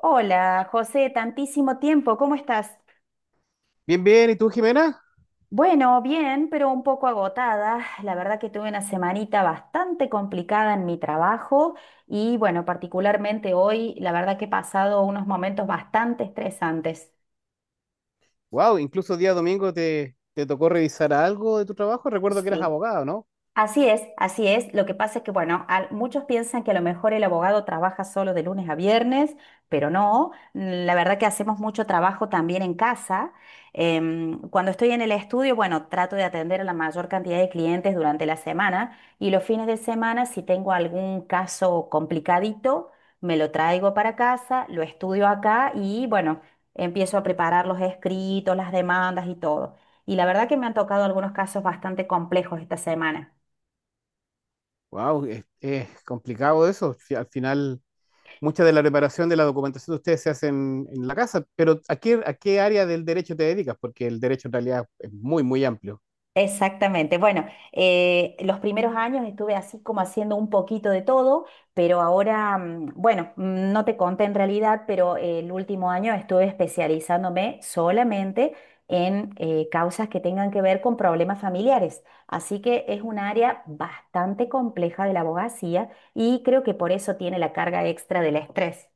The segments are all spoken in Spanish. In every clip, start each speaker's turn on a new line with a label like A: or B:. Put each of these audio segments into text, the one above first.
A: Hola, José, tantísimo tiempo, ¿cómo estás?
B: Bien, bien, ¿y tú, Jimena?
A: Bueno, bien, pero un poco agotada. La verdad que tuve una semanita bastante complicada en mi trabajo y bueno, particularmente hoy, la verdad que he pasado unos momentos bastante estresantes.
B: Wow, incluso día domingo te tocó revisar algo de tu trabajo. Recuerdo que eras
A: Sí.
B: abogado, ¿no?
A: Así es, así es. Lo que pasa es que, bueno, muchos piensan que a lo mejor el abogado trabaja solo de lunes a viernes, pero no. La verdad que hacemos mucho trabajo también en casa. Cuando estoy en el estudio, bueno, trato de atender a la mayor cantidad de clientes durante la semana y los fines de semana, si tengo algún caso complicadito, me lo traigo para casa, lo estudio acá y, bueno, empiezo a preparar los escritos, las demandas y todo. Y la verdad que me han tocado algunos casos bastante complejos esta semana.
B: Wow, es complicado eso. Si al final, mucha de la preparación de la documentación de ustedes se hace en la casa, pero ¿a qué área del derecho te dedicas? Porque el derecho en realidad es muy, muy amplio.
A: Exactamente. Bueno, los primeros años estuve así como haciendo un poquito de todo, pero ahora, bueno, no te conté en realidad, pero el último año estuve especializándome solamente en causas que tengan que ver con problemas familiares. Así que es un área bastante compleja de la abogacía y creo que por eso tiene la carga extra del estrés.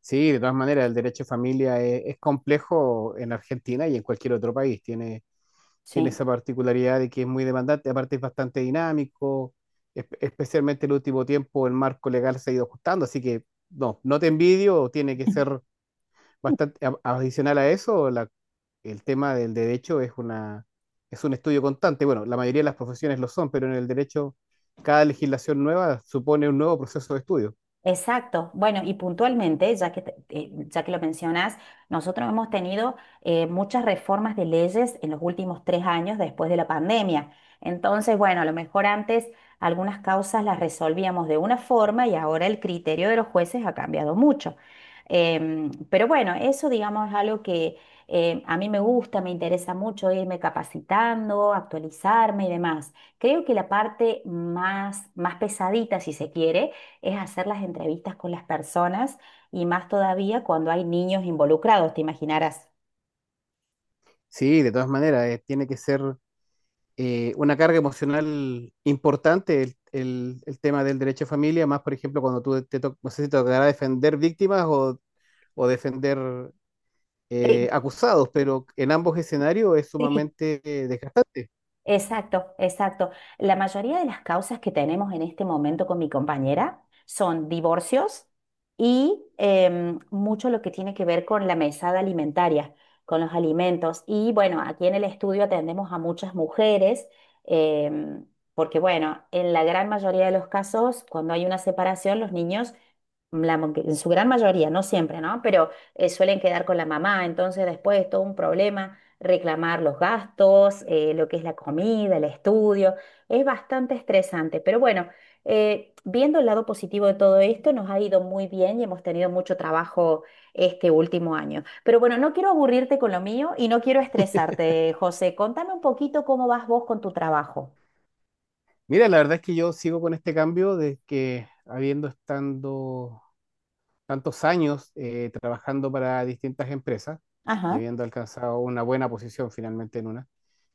B: Sí, de todas maneras, el derecho de familia es complejo en Argentina y en cualquier otro país. Tiene
A: Sí.
B: esa particularidad de que es muy demandante, aparte es bastante dinámico, especialmente el último tiempo el marco legal se ha ido ajustando, así que no, no te envidio, tiene que ser bastante adicional a eso, el tema del derecho es un estudio constante. Bueno, la mayoría de las profesiones lo son, pero en el derecho cada legislación nueva supone un nuevo proceso de estudio.
A: Exacto. Bueno, y puntualmente, ya que lo mencionas, nosotros hemos tenido muchas reformas de leyes en los últimos 3 años después de la pandemia. Entonces, bueno, a lo mejor antes algunas causas las resolvíamos de una forma y ahora el criterio de los jueces ha cambiado mucho. Pero bueno, eso digamos es algo que a mí me gusta, me interesa mucho irme capacitando, actualizarme y demás. Creo que la parte más, más pesadita, si se quiere, es hacer las entrevistas con las personas y más todavía cuando hay niños involucrados, te imaginarás.
B: Sí, de todas maneras, tiene que ser una carga emocional importante el tema del derecho de familia, más por ejemplo cuando no sé si te tocará defender víctimas o defender
A: Eh,
B: acusados, pero en ambos escenarios es
A: sí,
B: sumamente desgastante.
A: exacto, exacto. La mayoría de las causas que tenemos en este momento con mi compañera son divorcios y mucho lo que tiene que ver con la mesada alimentaria, con los alimentos. Y bueno, aquí en el estudio atendemos a muchas mujeres, em, porque bueno, en la gran mayoría de los casos, cuando hay una separación, los niños que en su gran mayoría, no siempre, ¿no? Pero suelen quedar con la mamá, entonces después es todo un problema reclamar los gastos, lo que es la comida, el estudio, es bastante estresante, pero bueno, viendo el lado positivo de todo esto, nos ha ido muy bien y hemos tenido mucho trabajo este último año. Pero bueno, no quiero aburrirte con lo mío y no quiero estresarte, José, contame un poquito cómo vas vos con tu trabajo.
B: Mira, la verdad es que yo sigo con este cambio de que habiendo estando tantos años trabajando para distintas empresas y
A: Ajá.
B: habiendo alcanzado una buena posición finalmente en una,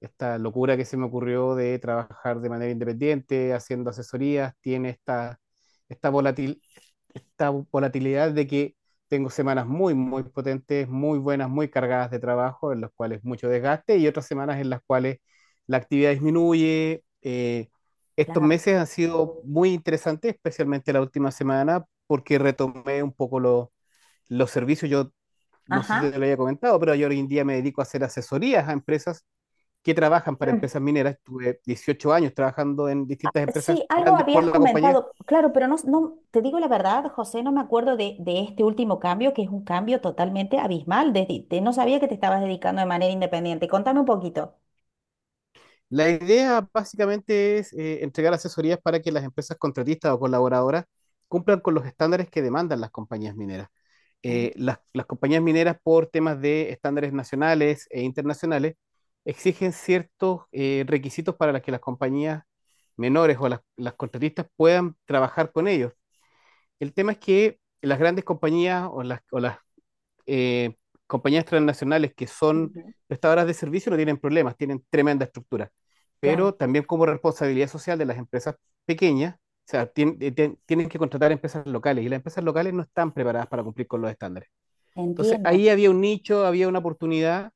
B: esta locura que se me ocurrió de trabajar de manera independiente, haciendo asesorías, tiene esta, volatil, esta volatilidad de que tengo semanas muy, muy potentes, muy buenas, muy cargadas de trabajo, en las cuales mucho desgaste, y otras semanas en las cuales la actividad disminuye. Estos
A: Claro.
B: meses han sido muy interesantes, especialmente la última semana, porque retomé un poco los servicios. Yo no sé
A: Ajá.
B: si te lo había comentado, pero yo hoy en día me dedico a hacer asesorías a empresas que trabajan para empresas mineras. Estuve 18 años trabajando en distintas empresas
A: Sí, algo
B: grandes por
A: habías
B: la compañía.
A: comentado, claro, pero no, no, te digo la verdad, José, no me acuerdo de este último cambio, que es un cambio totalmente abismal. No sabía que te estabas dedicando de manera independiente. Contame un poquito.
B: La idea básicamente es entregar asesorías para que las empresas contratistas o colaboradoras cumplan con los estándares que demandan las compañías mineras.
A: Mm.
B: Las compañías mineras, por temas de estándares nacionales e internacionales, exigen ciertos requisitos para las que las compañías menores o las contratistas puedan trabajar con ellos. El tema es que las grandes compañías o las eh, compañías transnacionales que son
A: Ujú.
B: prestadoras de servicio no tienen problemas, tienen tremenda estructura.
A: Claro,
B: Pero también como responsabilidad social de las empresas pequeñas, o sea, tienen que contratar empresas locales, y las empresas locales no están preparadas para cumplir con los estándares. Entonces,
A: entiendo.
B: ahí había un nicho, había una oportunidad,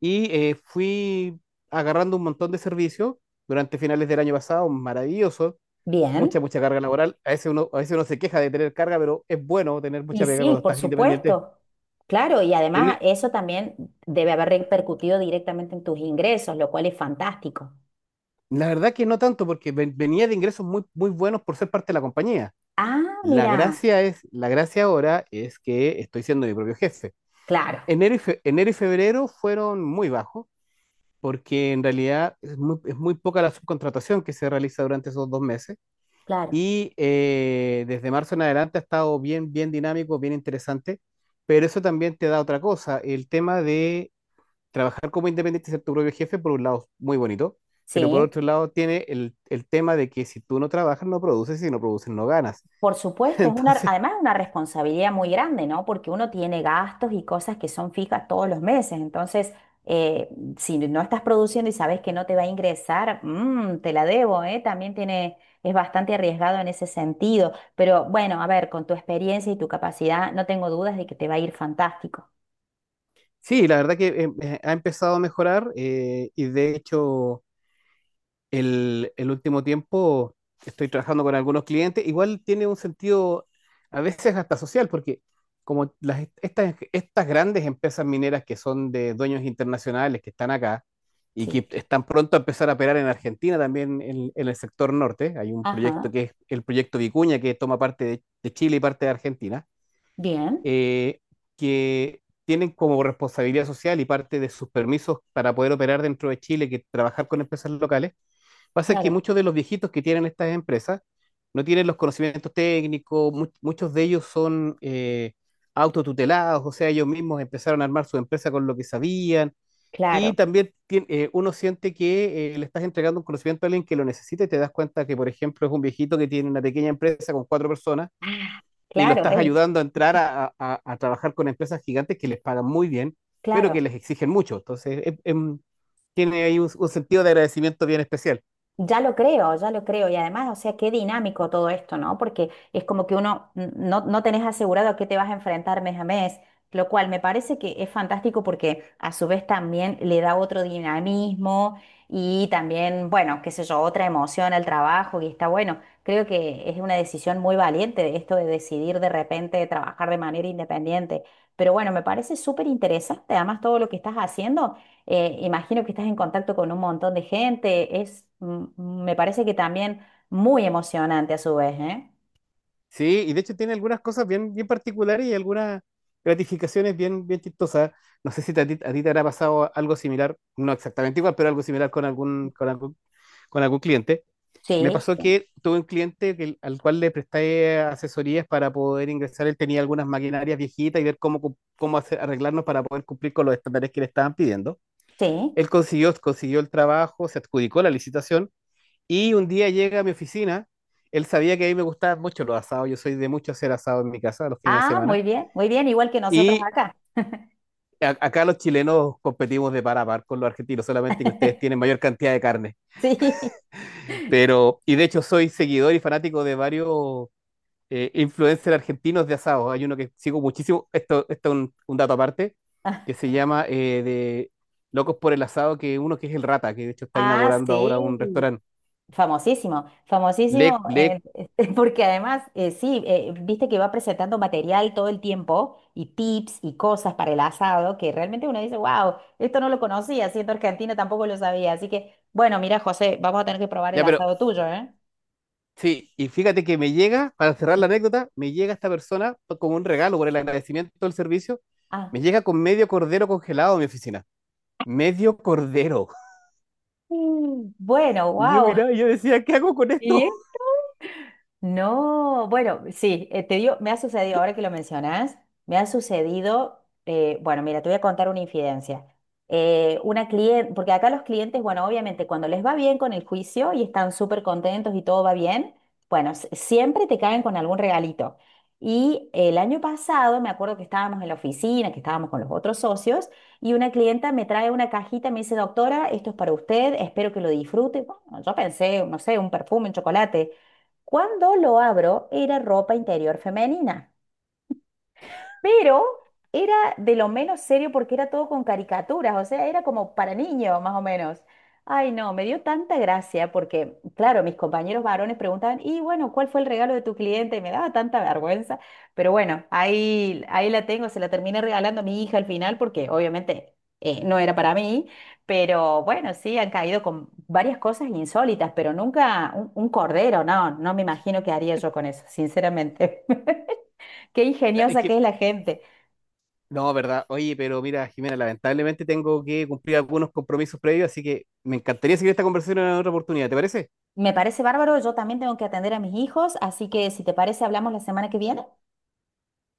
B: y fui agarrando un montón de servicios durante finales del año pasado, maravilloso,
A: Bien.
B: mucha, mucha carga laboral. A veces uno se queja de tener carga, pero es bueno tener mucha
A: Y
B: pega
A: sí,
B: cuando
A: por
B: estás independiente.
A: supuesto. Claro, y
B: En,
A: además eso también debe haber repercutido directamente en tus ingresos, lo cual es fantástico.
B: La verdad que no tanto, porque venía de ingresos muy, muy buenos por ser parte de la compañía.
A: Ah, mira,
B: La gracia ahora es que estoy siendo mi propio jefe.
A: claro,
B: Enero y febrero fueron muy bajos, porque en realidad es muy poca la subcontratación que se realiza durante esos dos meses.
A: claro.
B: Y desde marzo en adelante ha estado bien, bien dinámico, bien interesante. Pero eso también te da otra cosa, el tema trabajar como independiente y ser tu propio jefe, por un lado, es muy bonito, pero por
A: Sí.
B: otro lado tiene el tema de que si tú no trabajas, no produces, y si no produces, no ganas.
A: Por supuesto, es una,
B: Entonces,
A: además es una responsabilidad muy grande, ¿no? Porque uno tiene gastos y cosas que son fijas todos los meses. Entonces, eh, si no estás produciendo y sabes que no te va a ingresar, te la debo, ¿eh? También tiene, es bastante arriesgado en ese sentido. Pero bueno, a ver, con tu experiencia y tu capacidad, no tengo dudas de que te va a ir fantástico.
B: sí, la verdad que ha empezado a mejorar, y de hecho el último tiempo estoy trabajando con algunos clientes. Igual tiene un sentido a veces hasta social, porque como estas grandes empresas mineras que son de dueños internacionales que están acá y
A: Sí.
B: que están pronto a empezar a operar en Argentina también en el sector norte, hay un proyecto
A: Ajá.
B: que es el proyecto Vicuña, que toma parte de Chile y parte de Argentina,
A: Bien.
B: eh, que tienen como responsabilidad social y parte de sus permisos para poder operar dentro de Chile, que trabajar con empresas locales. Pasa que
A: Claro.
B: muchos de los viejitos que tienen estas empresas no tienen los conocimientos técnicos, muchos de ellos son autotutelados, o sea, ellos mismos empezaron a armar su empresa con lo que sabían. Y
A: Claro.
B: también uno siente que le estás entregando un conocimiento a alguien que lo necesita, y te das cuenta que, por ejemplo, es un viejito que tiene una pequeña empresa con cuatro personas
A: Ah,
B: y lo
A: claro,
B: estás ayudando a entrar a trabajar con empresas gigantes que les pagan muy bien, pero
A: claro.
B: que les exigen mucho. Entonces, es, tiene ahí un sentido de agradecimiento bien especial.
A: Ya lo creo, ya lo creo. Y además, o sea, qué dinámico todo esto, ¿no? Porque es como que no, no tenés asegurado a qué te vas a enfrentar mes a mes, lo cual me parece que es fantástico porque a su vez también le da otro dinamismo y también, bueno, qué sé yo, otra emoción al trabajo y está bueno. Creo que es una decisión muy valiente esto de decidir de repente trabajar de manera independiente. Pero bueno, me parece súper interesante además todo lo que estás haciendo. Imagino que estás en contacto con un montón de gente. Es, me parece que también muy emocionante a su vez, ¿eh?
B: Sí, y de hecho tiene algunas cosas bien, bien particulares y algunas gratificaciones bien, bien chistosas. No sé si a ti te habrá pasado algo similar, no exactamente igual, pero algo similar con con algún cliente. Me
A: Sí,
B: pasó que tuve un cliente al cual le presté asesorías para poder ingresar. Él tenía algunas maquinarias viejitas y ver cómo, cu- cómo hacer- arreglarnos para poder cumplir con los estándares que le estaban pidiendo.
A: sí.
B: Él consiguió el trabajo, se adjudicó la licitación y un día llega a mi oficina. Él sabía que a mí me gustaban mucho los asados, yo soy de mucho hacer asado en mi casa los fines de
A: Ah,
B: semana,
A: muy bien, igual que nosotros
B: y
A: acá.
B: acá los chilenos competimos de par a par con los argentinos, solamente que ustedes tienen mayor cantidad de carne.
A: Sí.
B: Pero, y de hecho soy seguidor y fanático de varios influencers argentinos de asado. Hay uno que sigo muchísimo, esto es un dato aparte, que se llama de Locos por el Asado, que uno que es el Rata, que de hecho está
A: Ah,
B: inaugurando ahora un
A: sí.
B: restaurante.
A: Famosísimo,
B: Le,
A: famosísimo,
B: le,
A: porque además, sí, viste que va presentando material todo el tiempo y tips y cosas para el asado que realmente uno dice, wow, esto no lo conocía, siendo argentino tampoco lo sabía. Así que, bueno, mira, José, vamos a tener que probar el
B: ya, pero
A: asado tuyo, ¿eh?
B: Sí, y fíjate que me llega, para cerrar
A: Mm.
B: la anécdota, me llega esta persona como un regalo por el agradecimiento del servicio,
A: Ah,
B: me llega con medio cordero congelado a mi oficina. Medio cordero.
A: bueno,
B: Y yo
A: wow.
B: miraba y yo decía, ¿qué hago con esto?
A: No, bueno, sí, te digo, me ha sucedido, ahora que lo mencionas, me ha sucedido, bueno, mira, te voy a contar una infidencia. Una cliente, porque acá los clientes, bueno, obviamente cuando les va bien con el juicio y están súper contentos y todo va bien, bueno, siempre te caen con algún regalito. Y el año pasado me acuerdo que estábamos en la oficina, que estábamos con los otros socios, y una clienta me trae una cajita, y me dice, doctora, esto es para usted, espero que lo disfrute. Bueno, yo pensé, no sé, un perfume, un chocolate. Cuando lo abro, era ropa interior femenina pero era de lo menos serio porque era todo con caricaturas, o sea, era como para niños, más o menos. Ay, no, me dio tanta gracia porque, claro, mis compañeros varones preguntaban, y bueno, ¿cuál fue el regalo de tu cliente? Y me daba tanta vergüenza, pero bueno, ahí, ahí la tengo, se la terminé regalando a mi hija al final porque obviamente no era para mí, pero bueno, sí, han caído con varias cosas insólitas, pero nunca un, un cordero, no, no me imagino qué haría yo con eso, sinceramente. Qué
B: O sea,
A: ingeniosa que es la gente.
B: no, verdad. Oye, pero mira, Jimena, lamentablemente tengo que cumplir algunos compromisos previos, así que me encantaría seguir esta conversación en otra oportunidad. ¿Te parece?
A: Me parece bárbaro, yo también tengo que atender a mis hijos, así que si te parece, hablamos la semana que viene.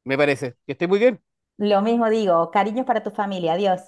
B: Me parece. Que estés muy bien.
A: Lo mismo digo, cariños para tu familia, adiós.